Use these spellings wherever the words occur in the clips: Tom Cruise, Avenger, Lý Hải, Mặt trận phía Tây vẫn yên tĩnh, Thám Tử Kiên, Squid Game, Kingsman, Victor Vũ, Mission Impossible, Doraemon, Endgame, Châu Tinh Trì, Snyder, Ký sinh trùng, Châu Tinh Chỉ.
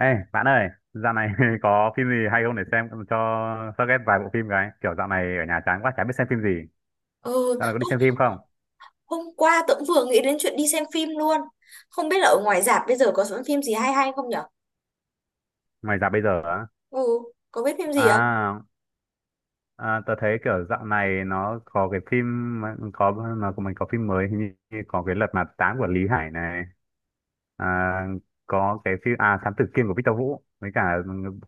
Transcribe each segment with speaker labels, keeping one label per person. Speaker 1: Ê, bạn ơi, dạo này có phim gì hay không để xem cho suggest vài bộ phim cái. Kiểu dạo này ở nhà chán quá, chả biết xem phim gì.
Speaker 2: Ừ,
Speaker 1: Dạo này có
Speaker 2: ô,
Speaker 1: đi xem phim không?
Speaker 2: hôm qua tớ cũng vừa nghĩ đến chuyện đi xem phim luôn. Không biết là ở ngoài rạp bây giờ có sẵn phim gì hay hay không nhở?
Speaker 1: Ngoài dạo bây giờ á.
Speaker 2: Ừ, có biết phim gì không?
Speaker 1: À, tớ thấy kiểu dạo này nó có cái phim, mà- có nó của mình có phim mới, hình như như có cái Lật Mặt Tám của Lý Hải này. À, có cái phim, à, Thám Tử Kiên của Victor Vũ. Với cả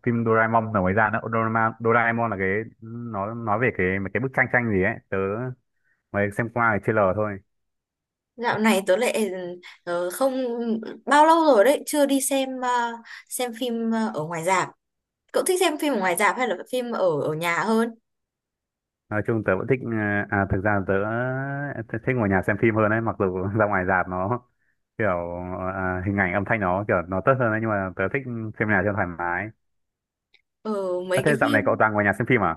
Speaker 1: phim Doraemon là mới ra nữa. Doraemon là cái, nó nói về cái mấy cái bức tranh tranh gì ấy. Tớ mới xem qua cái trailer thôi.
Speaker 2: Dạo này tớ lại không bao lâu rồi đấy chưa đi xem xem phim ở ngoài rạp. Cậu thích xem phim ở ngoài rạp hay là phim ở ở nhà hơn?
Speaker 1: Nói chung tớ vẫn thích à, thực ra tớ thích ngồi nhà xem phim hơn ấy mặc dù ra ngoài rạp nó kiểu à, hình ảnh âm thanh nó kiểu nó tốt hơn ấy nhưng mà tớ thích xem nhà cho thoải mái.
Speaker 2: Ừ,
Speaker 1: Ơ
Speaker 2: mấy
Speaker 1: thế
Speaker 2: cái
Speaker 1: dạo này cậu
Speaker 2: phim
Speaker 1: toàn ngồi nhà xem phim à?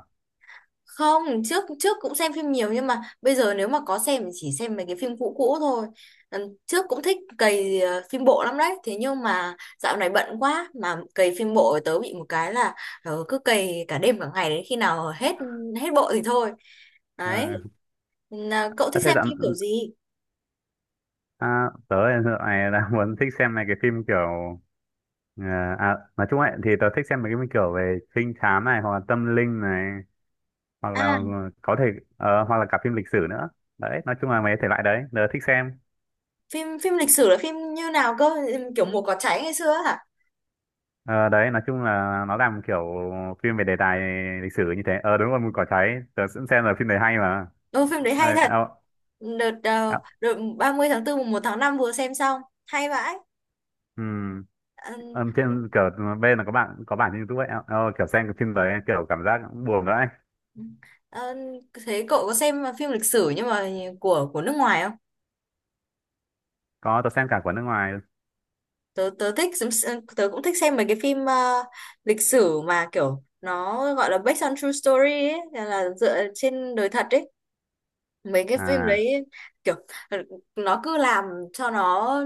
Speaker 2: không, trước trước cũng xem phim nhiều, nhưng mà bây giờ nếu mà có xem thì chỉ xem mấy cái phim cũ cũ thôi. Ừ, trước cũng thích cày phim bộ lắm đấy, thế nhưng mà dạo này bận quá mà cày phim bộ tớ bị một cái là cứ cày cả đêm cả ngày đến khi nào hết hết bộ thì thôi,
Speaker 1: Ờ,
Speaker 2: đấy. Là cậu
Speaker 1: ơ
Speaker 2: thích
Speaker 1: thế
Speaker 2: xem
Speaker 1: dạo
Speaker 2: phim kiểu gì?
Speaker 1: à, tớ dạo này đang muốn thích xem này cái phim kiểu ờ, à, nói chung ấy thì tớ thích xem mấy cái phim kiểu về trinh thám này hoặc là tâm linh này hoặc là
Speaker 2: À,
Speaker 1: có thể hoặc là cả phim lịch sử nữa. Đấy nói chung là mấy thể loại đấy tớ thích xem.
Speaker 2: phim phim lịch sử là phim như nào cơ? Kiểu mùa cỏ cháy ngày xưa hả?
Speaker 1: Ờ, đấy nói chung là nó làm kiểu phim về đề tài lịch sử như thế, ờ đúng rồi mùi cỏ cháy tớ cũng xem, là phim đấy hay mà.
Speaker 2: Ô, phim đấy
Speaker 1: ờ,
Speaker 2: hay thật.
Speaker 1: ờ,
Speaker 2: Đợt
Speaker 1: ờ,
Speaker 2: đợt 30 tháng 4 mùng 1 tháng 5 vừa xem xong, hay vãi.
Speaker 1: ừm,
Speaker 2: Ờ,
Speaker 1: ờ, trên kiểu bên là có bạn có bản trên YouTube ấy, kiểu xem cái phim đấy kiểu cảm giác cũng buồn đấy.
Speaker 2: ờ, thế cậu có xem phim lịch sử nhưng mà của nước ngoài không?
Speaker 1: Có, tớ xem cả của nước ngoài.
Speaker 2: Tớ tớ thích tớ cũng thích xem mấy cái phim lịch sử mà kiểu nó gọi là based on true story ấy, là dựa trên đời thật ấy. Mấy cái phim
Speaker 1: à
Speaker 2: đấy kiểu nó cứ làm cho nó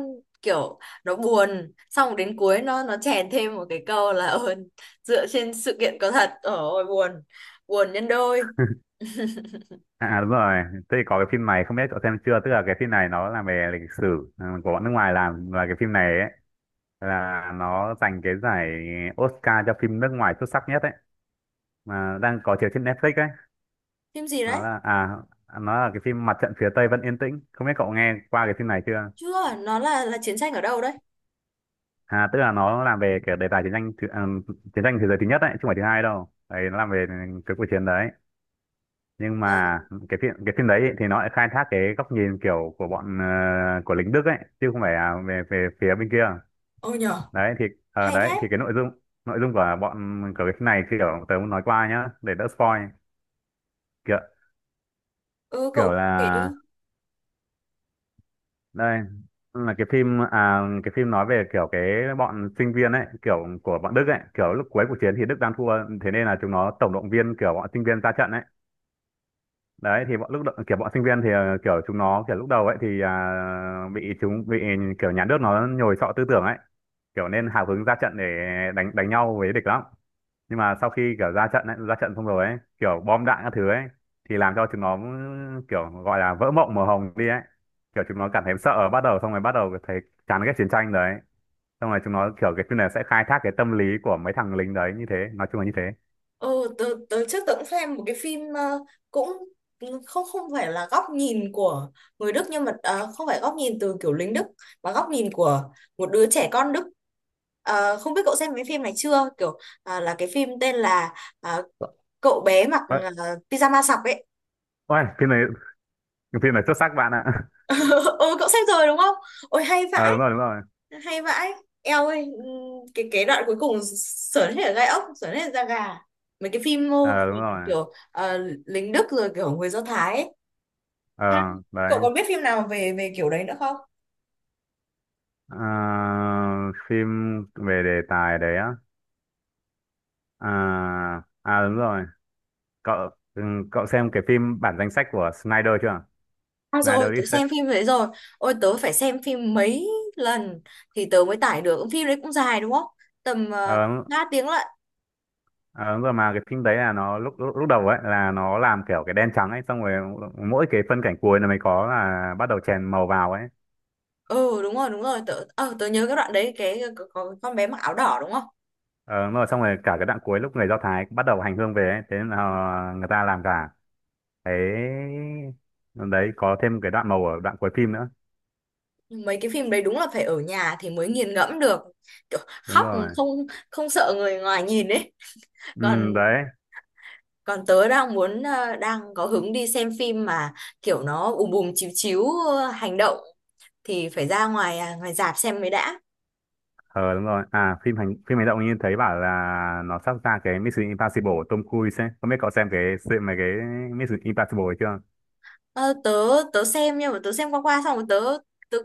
Speaker 2: kiểu nó buồn, xong rồi đến cuối nó chèn thêm một cái câu là "Ờ, dựa trên sự kiện có thật". Ôi buồn, buồn nhân đôi.
Speaker 1: à à, đúng rồi, thế thì có cái phim này không biết cậu xem chưa, tức là cái phim này nó là về lịch sử, ừ, của bọn nước ngoài làm và cái phim này ấy là nó giành cái giải Oscar cho phim nước ngoài xuất sắc nhất ấy, mà đang có chiếu trên Netflix ấy.
Speaker 2: Phim gì
Speaker 1: Nó
Speaker 2: đấy?
Speaker 1: là à, nó là cái phim Mặt trận phía Tây vẫn yên tĩnh, không biết cậu nghe qua cái phim này chưa.
Speaker 2: Chưa, nó là chiến tranh ở đâu đấy?
Speaker 1: À tức là nó làm về cái đề tài chiến tranh thế giới thứ nhất đấy chứ không phải thứ hai đâu đấy, nó làm về cái cuộc chiến đấy, nhưng
Speaker 2: Ờ,
Speaker 1: mà cái phim đấy ý, thì nó lại khai thác cái góc nhìn kiểu của bọn của lính Đức ấy chứ không phải là về về phía bên kia.
Speaker 2: ừ nhở,
Speaker 1: Đấy thì
Speaker 2: hay
Speaker 1: đấy
Speaker 2: thế.
Speaker 1: thì cái nội dung của cái phim này kiểu tớ muốn nói qua nhá để đỡ spoil, kiểu
Speaker 2: Ừ,
Speaker 1: kiểu
Speaker 2: cậu kể
Speaker 1: là
Speaker 2: đi.
Speaker 1: đây là cái phim, à cái phim nói về kiểu cái bọn sinh viên ấy, kiểu của bọn Đức ấy, kiểu lúc cuối cuộc chiến thì Đức đang thua, thế nên là chúng nó tổng động viên kiểu bọn sinh viên ra trận ấy. Đấy thì kiểu bọn sinh viên thì kiểu chúng nó kiểu lúc đầu ấy thì à, bị kiểu nhà nước nó nhồi sọ tư tưởng ấy, kiểu nên hào hứng ra trận để đánh đánh nhau với địch lắm. Nhưng mà sau khi kiểu ra trận ấy, ra trận xong rồi ấy kiểu bom đạn các thứ ấy thì làm cho chúng nó kiểu gọi là vỡ mộng màu hồng đi ấy, kiểu chúng nó cảm thấy sợ, bắt đầu xong rồi bắt đầu thấy chán ghét chiến tranh đấy, xong rồi chúng nó kiểu cái phim này sẽ khai thác cái tâm lý của mấy thằng lính đấy như thế, nói chung là như thế.
Speaker 2: Ừ, tớ trước tớ cũng xem một cái phim cũng không không phải là góc nhìn của người Đức, nhưng mà không phải góc nhìn từ kiểu lính Đức mà góc nhìn của một đứa trẻ con Đức. Ờ, không biết cậu xem cái phim này chưa? Kiểu là cái phim tên là ờ, cậu bé mặc
Speaker 1: Ôi,
Speaker 2: pyjama sọc ấy.
Speaker 1: ôi, phim này xuất sắc bạn ạ.
Speaker 2: Ừ, cậu xem rồi đúng không? Ôi hay
Speaker 1: ờ
Speaker 2: vãi.
Speaker 1: đúng rồi đúng rồi.
Speaker 2: Hay vãi, eo ơi. Cái đoạn cuối cùng sởn hết cả gai ốc, sởn hết da gà. Mấy cái phim
Speaker 1: Ờ đúng rồi.
Speaker 2: kiểu lính Đức rồi kiểu người Do Thái ấy.
Speaker 1: Ờ
Speaker 2: Ha.
Speaker 1: đấy.
Speaker 2: Cậu còn biết phim nào về về kiểu đấy nữa không?
Speaker 1: Ờ, phim về đề tài đấy á, à à đúng rồi, cậu ừ, cậu xem cái phim bản danh sách của Snyder chưa,
Speaker 2: À rồi,
Speaker 1: Snyder
Speaker 2: tớ
Speaker 1: ấy,
Speaker 2: xem phim đấy rồi. Ôi, tớ phải xem phim mấy lần thì tớ mới tải được. Phim đấy cũng dài đúng không? Tầm
Speaker 1: ờ, đúng-
Speaker 2: 3 tiếng lận.
Speaker 1: ờ, đúng rồi mà cái phim đấy là nó lúc lúc, lúc đầu ấy là nó làm kiểu cái đen trắng ấy xong rồi mỗi cái phân cảnh cuối là mới có là bắt đầu chèn màu vào ấy.
Speaker 2: Ừ đúng rồi, đúng rồi. Tớ nhớ cái đoạn đấy, cái có con bé mặc áo đỏ đúng không?
Speaker 1: Ờ, đúng rồi xong rồi cả cái đoạn cuối lúc người Do Thái bắt đầu hành hương về ấy, thế nên là ờ, người ta làm cả cái đấy, có thêm cái đoạn màu ở đoạn cuối phim nữa.
Speaker 2: Mấy cái phim đấy đúng là phải ở nhà thì mới nghiền ngẫm được, kiểu
Speaker 1: Đúng
Speaker 2: khóc
Speaker 1: rồi.
Speaker 2: không không sợ người ngoài nhìn ấy. còn
Speaker 1: Ừ, đấy.
Speaker 2: còn tớ đang muốn đang có hứng đi xem phim mà kiểu nó ùm bùm chiếu chiếu hành động thì phải ra ngoài à, ngoài rạp xem mới đã.
Speaker 1: Ờ đúng rồi, à phim hành phim hành động, như thấy bảo là nó sắp ra cái Mission Impossible của Tom Cruise ấy, không biết cậu xem mà cái Mission Impossible ấy chưa.
Speaker 2: Ờ, tớ tớ xem nhưng mà tớ xem qua qua xong rồi tớ tớ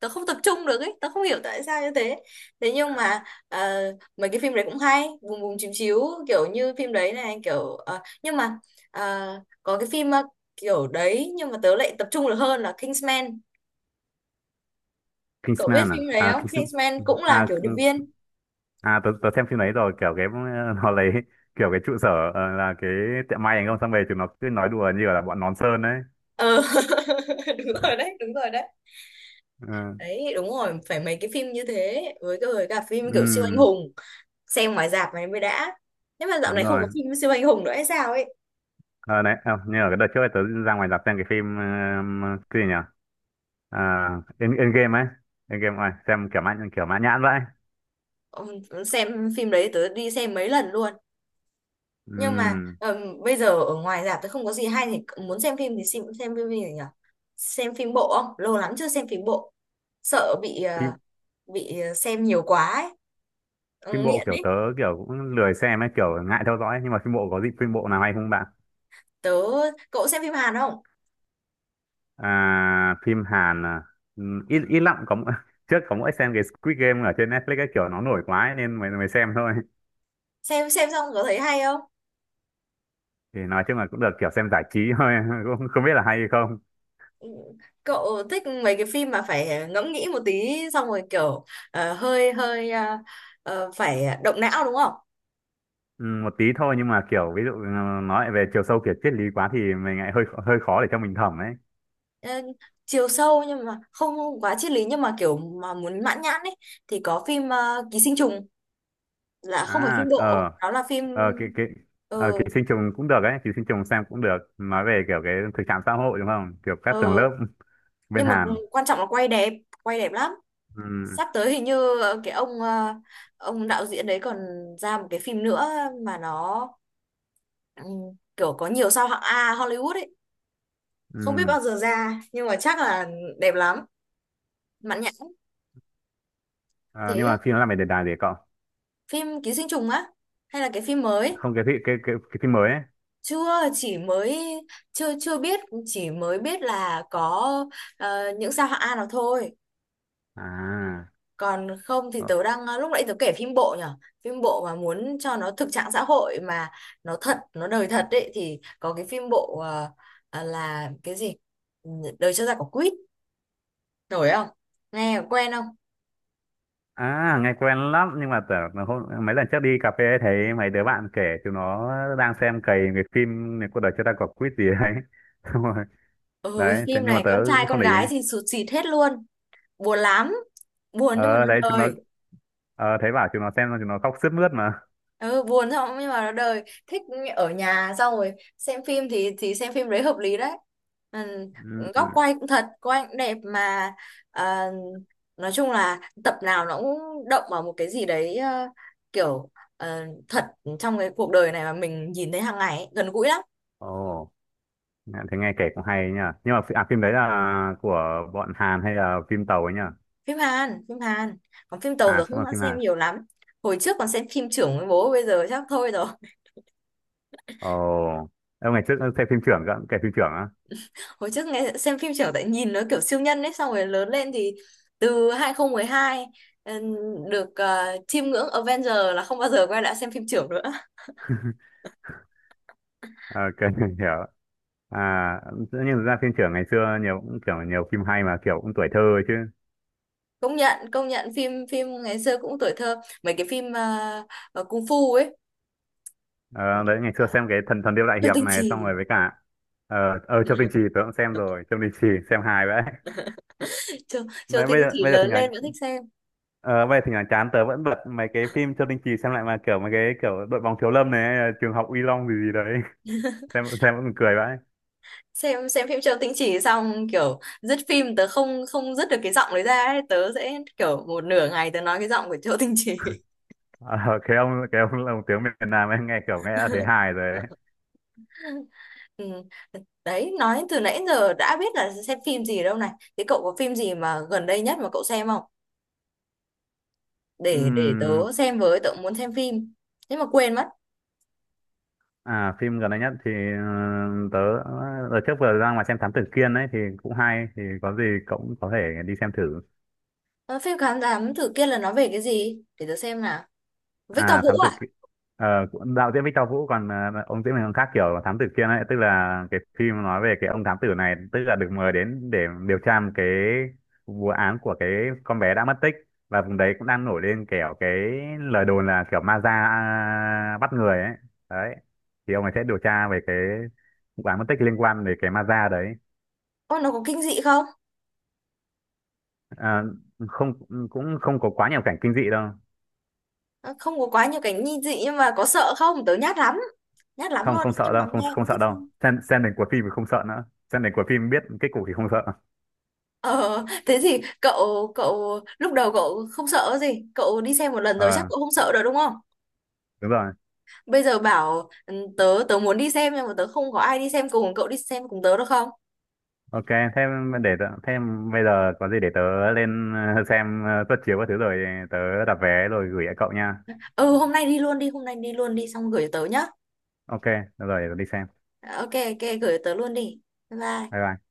Speaker 2: tớ không tập trung được ấy, tớ không hiểu tại sao như thế. Thế nhưng mà ờ, mấy cái phim đấy cũng hay bùm bùm chiếu chiếu kiểu như phim đấy này kiểu nhưng mà ờ, có cái phim kiểu đấy nhưng mà tớ lại tập trung được hơn là Kingsman. Cậu biết phim
Speaker 1: Kingsman
Speaker 2: đấy
Speaker 1: à à
Speaker 2: không?
Speaker 1: Kings
Speaker 2: Kingsman cũng là
Speaker 1: à
Speaker 2: kiểu điệp viên.
Speaker 1: à tớ xem phim đấy rồi, kiểu cái nó lấy kiểu cái trụ sở ờ, là cái tiệm may anh không xong về chúng nó cứ nói đùa như là bọn nón sơn đấy.
Speaker 2: Ờ, đúng rồi đấy, đúng rồi đấy.
Speaker 1: Ừ,
Speaker 2: Đấy, đúng rồi, phải mấy cái phim như thế, với cái với cả phim kiểu siêu anh
Speaker 1: ừm,
Speaker 2: hùng xem ngoài rạp này mới đã. Thế mà dạo
Speaker 1: đúng
Speaker 2: này không
Speaker 1: rồi.
Speaker 2: có phim siêu anh hùng nữa hay sao ấy?
Speaker 1: Ờ đấy, à, như ở cái đợt trước ấy, tớ ra ngoài rạp xem cái phim ờ, cái gì nhỉ, à, Endgame ấy, Endgame này xem kiểu kiểu mãn nhãn vậy.
Speaker 2: Xem phim đấy tớ đi xem mấy lần luôn. Nhưng mà
Speaker 1: Ừm,
Speaker 2: bây giờ ở ngoài rạp tớ không có gì hay thì muốn xem phim thì xem, phim gì nhỉ? Xem phim bộ không? Lâu lắm chưa xem phim bộ, sợ bị ờ,
Speaker 1: phim
Speaker 2: bị xem nhiều quá ấy. Ừ,
Speaker 1: phim bộ
Speaker 2: nghiện
Speaker 1: kiểu
Speaker 2: ấy.
Speaker 1: tớ kiểu cũng lười xem ấy, kiểu ngại theo dõi ấy. Nhưng mà phim bộ có gì, phim bộ nào hay không bạn?
Speaker 2: Tớ cậu xem phim Hàn không?
Speaker 1: À, phim Hàn à, ít ít lắm, trước có mỗi xem cái Squid Game ở trên Netflix ấy kiểu nó nổi quá ấy, nên mới mới xem thôi.
Speaker 2: Xem xong có thấy hay không?
Speaker 1: Thì nói chung là cũng được, kiểu xem giải trí thôi cũng không biết là hay hay không.
Speaker 2: Cậu thích mấy cái phim mà phải ngẫm nghĩ một tí xong rồi kiểu hơi hơi phải động não đúng không?
Speaker 1: Một tí thôi nhưng mà kiểu ví dụ ừ, nói về chiều sâu kiểu triết lý quá thì mình lại hơi hơi khó để cho mình thẩm ấy.
Speaker 2: Ờ, chiều sâu nhưng mà không quá triết lý, nhưng mà kiểu mà muốn mãn nhãn ấy, thì có phim Ký sinh trùng là không phải
Speaker 1: À
Speaker 2: phim bộ,
Speaker 1: ờ,
Speaker 2: đó là phim.
Speaker 1: ờ cái. Ờ, ký
Speaker 2: Ừ,
Speaker 1: sinh trùng cũng được ấy, ký sinh trùng xem cũng được. Nói về kiểu cái thực trạng xã hội đúng không? Kiểu các tầng lớp
Speaker 2: ừ,
Speaker 1: bên
Speaker 2: nhưng mà
Speaker 1: Hàn.
Speaker 2: quan trọng là quay đẹp lắm.
Speaker 1: ừ,
Speaker 2: Sắp tới hình như cái ông đạo diễn đấy còn ra một cái phim nữa mà nó ừ, kiểu có nhiều sao hạng A Hollywood ấy. Không biết
Speaker 1: ừ.
Speaker 2: bao giờ ra nhưng mà chắc là đẹp lắm, mãn nhãn.
Speaker 1: Ờ,
Speaker 2: Thế
Speaker 1: nhưng mà phim nó làm về đề tài gì cậu?
Speaker 2: phim ký sinh trùng á hay là cái phim mới?
Speaker 1: Không cái phim cái phim mới ấy.
Speaker 2: Chưa chỉ mới chưa chưa biết, chỉ mới biết là có những sao hạng A nào thôi.
Speaker 1: À
Speaker 2: Còn không thì
Speaker 1: ờ.
Speaker 2: tớ đang lúc nãy tớ kể phim bộ nhở. Phim bộ mà muốn cho nó thực trạng xã hội mà nó thật, nó đời thật ấy, thì có cái phim bộ là cái gì? Đời cho ra quả quýt, nổi không? Nghe quen không?
Speaker 1: À nghe quen lắm nhưng mà tưởng là hôm mấy lần trước đi cà phê ấy, thấy mấy đứa bạn kể chúng nó đang xem cày cái phim này cuộc đời chưa ta có quýt gì đấy. Xong rồi
Speaker 2: Ừ,
Speaker 1: đấy thế
Speaker 2: phim
Speaker 1: nhưng mà
Speaker 2: này
Speaker 1: tớ
Speaker 2: con trai
Speaker 1: cũng không
Speaker 2: con
Speaker 1: để ý.
Speaker 2: gái thì sụt sịt hết luôn, buồn lắm. Buồn nhưng mà
Speaker 1: Ờ đấy
Speaker 2: nó
Speaker 1: chúng nó
Speaker 2: đời.
Speaker 1: ờ, thấy bảo chúng nó xem xong chúng nó khóc sướt mướt mà.
Speaker 2: Ừ, buồn xong nhưng mà nó đời thích. Ở nhà xong rồi xem phim thì xem phim đấy hợp lý đấy. Ừ,
Speaker 1: ừ.
Speaker 2: góc
Speaker 1: ừ.
Speaker 2: quay cũng thật, quay cũng đẹp mà. À, nói chung là tập nào nó cũng động vào một cái gì đấy kiểu thật trong cái cuộc đời này mà mình nhìn thấy hàng ngày ấy, gần gũi lắm.
Speaker 1: Ồ nghe-, thế nghe kể cũng hay nhỉ, nhưng mà à, phim đấy là của bọn Hàn hay là phim tàu ấy nhỉ?
Speaker 2: Phim Hàn, phim Hàn. Còn phim tàu
Speaker 1: À
Speaker 2: rồi
Speaker 1: cũng
Speaker 2: không
Speaker 1: là
Speaker 2: đã
Speaker 1: phim
Speaker 2: xem
Speaker 1: Hàn.
Speaker 2: nhiều lắm. Hồi trước còn xem phim trưởng với bố, bây giờ chắc thôi rồi.
Speaker 1: Ồ, em ngày trước xem phim trưởng cơ, kể phim trưởng á.
Speaker 2: Hồi trước nghe xem phim trưởng tại nhìn nó kiểu siêu nhân ấy, xong rồi lớn lên thì từ 2012 ừm, được chiêm ngưỡng Avenger là không bao giờ quay lại xem phim trưởng nữa.
Speaker 1: Ok, hiểu. À, tự nhiên thực ra phim trưởng ngày xưa nhiều cũng kiểu nhiều phim hay mà kiểu cũng tuổi thơ ấy chứ.
Speaker 2: Công nhận, công nhận phim phim ngày xưa cũng tuổi thơ, mấy cái phim cung phu ấy.
Speaker 1: Ờ, đấy ngày xưa xem cái thần thần điêu đại
Speaker 2: Châu
Speaker 1: hiệp
Speaker 2: Tinh
Speaker 1: này
Speaker 2: Chỉ.
Speaker 1: xong rồi với cả ờ ờ Châu Tinh Trì tớ cũng xem rồi, Châu Tinh Trì xem hài vậy.
Speaker 2: Châu, Châu
Speaker 1: Mà
Speaker 2: Tinh Chỉ
Speaker 1: bây giờ thì
Speaker 2: lớn
Speaker 1: nhà
Speaker 2: lên vẫn thích xem.
Speaker 1: ờ, bây giờ thì nhà chán tớ vẫn bật mấy cái phim Châu Tinh Trì xem lại mà kiểu mấy cái kiểu đội bóng thiếu lâm này, trường học Uy Long gì gì đấy. Xem vẫn cười vậy.
Speaker 2: Xem phim Châu Tinh Chỉ xong kiểu dứt phim tớ không không dứt được cái giọng đấy ra ấy. Tớ sẽ kiểu một nửa ngày tớ nói cái giọng của Châu Tinh Chỉ.
Speaker 1: Ờ, cái ông lồng tiếng miền Nam ấy nghe nghe đã thấy hài rồi
Speaker 2: Ừ. Đấy, nói từ nãy giờ đã biết là xem phim gì đâu này. Thế cậu có phim gì mà gần đây nhất mà cậu xem không? Để
Speaker 1: đấy.
Speaker 2: tớ xem với, tớ muốn xem phim. Thế mà quên mất.
Speaker 1: À phim gần đây nhất thì ờ, tớ đợt trước vừa ra ngoài xem Thám Tử Kiên ấy thì cũng hay, thì có gì cậu cũng có thể đi xem thử.
Speaker 2: Ờ, phim Khám Thám Tử kia là nó về cái gì? Để tớ xem nào. Victor
Speaker 1: À
Speaker 2: Vũ
Speaker 1: Thám Tử
Speaker 2: à?
Speaker 1: Kiên đạo diễn Victor Vũ còn ờ, ông diễn viên còn khác, kiểu là Thám Tử Kiên ấy tức là cái phim nói về cái ông thám tử này tức là được mời đến để điều tra một cái vụ án của cái con bé đã mất tích, và vùng đấy cũng đang nổi lên kiểu cái lời đồn là kiểu ma da à, bắt người ấy. Đấy. Thì ông ấy sẽ điều tra về cái vụ án mất tích liên quan đến cái ma da đấy.
Speaker 2: Ô, nó có kinh dị không?
Speaker 1: À, không cũng không có quá nhiều cảnh kinh dị đâu.
Speaker 2: Ờ, không có quá nhiều cảnh nghi dị nhưng mà có sợ không? Tớ nhát lắm. Nhát lắm luôn
Speaker 1: Không không
Speaker 2: đấy,
Speaker 1: sợ
Speaker 2: nhưng mà
Speaker 1: đâu, không
Speaker 2: nghe
Speaker 1: không
Speaker 2: cũng
Speaker 1: sợ
Speaker 2: thích
Speaker 1: đâu,
Speaker 2: xem.
Speaker 1: xem đến cuối phim thì không sợ nữa, xem đến cuối phim biết kết cục thì không sợ.
Speaker 2: Ờ, thế thì cậu cậu lúc đầu cậu không sợ gì? Cậu đi xem một lần rồi chắc
Speaker 1: Ờ
Speaker 2: cậu không sợ rồi đúng không?
Speaker 1: đúng rồi.
Speaker 2: Bây giờ bảo ừ, tớ tớ muốn đi xem nhưng mà tớ không có ai đi xem cùng, cậu đi xem cùng tớ được không?
Speaker 1: Ok thế thế bây giờ có gì để tớ lên ờ, xem ờ, suất chiếu các thứ rồi tớ đặt vé rồi gửi lại cậu nha.
Speaker 2: Ừ, hôm nay đi luôn đi, hôm nay đi luôn đi xong gửi tớ nhá.
Speaker 1: Ok được rồi để tớ đi xem.
Speaker 2: Ờ, ok ok gửi tớ luôn đi. Bye bye.
Speaker 1: Bye bye.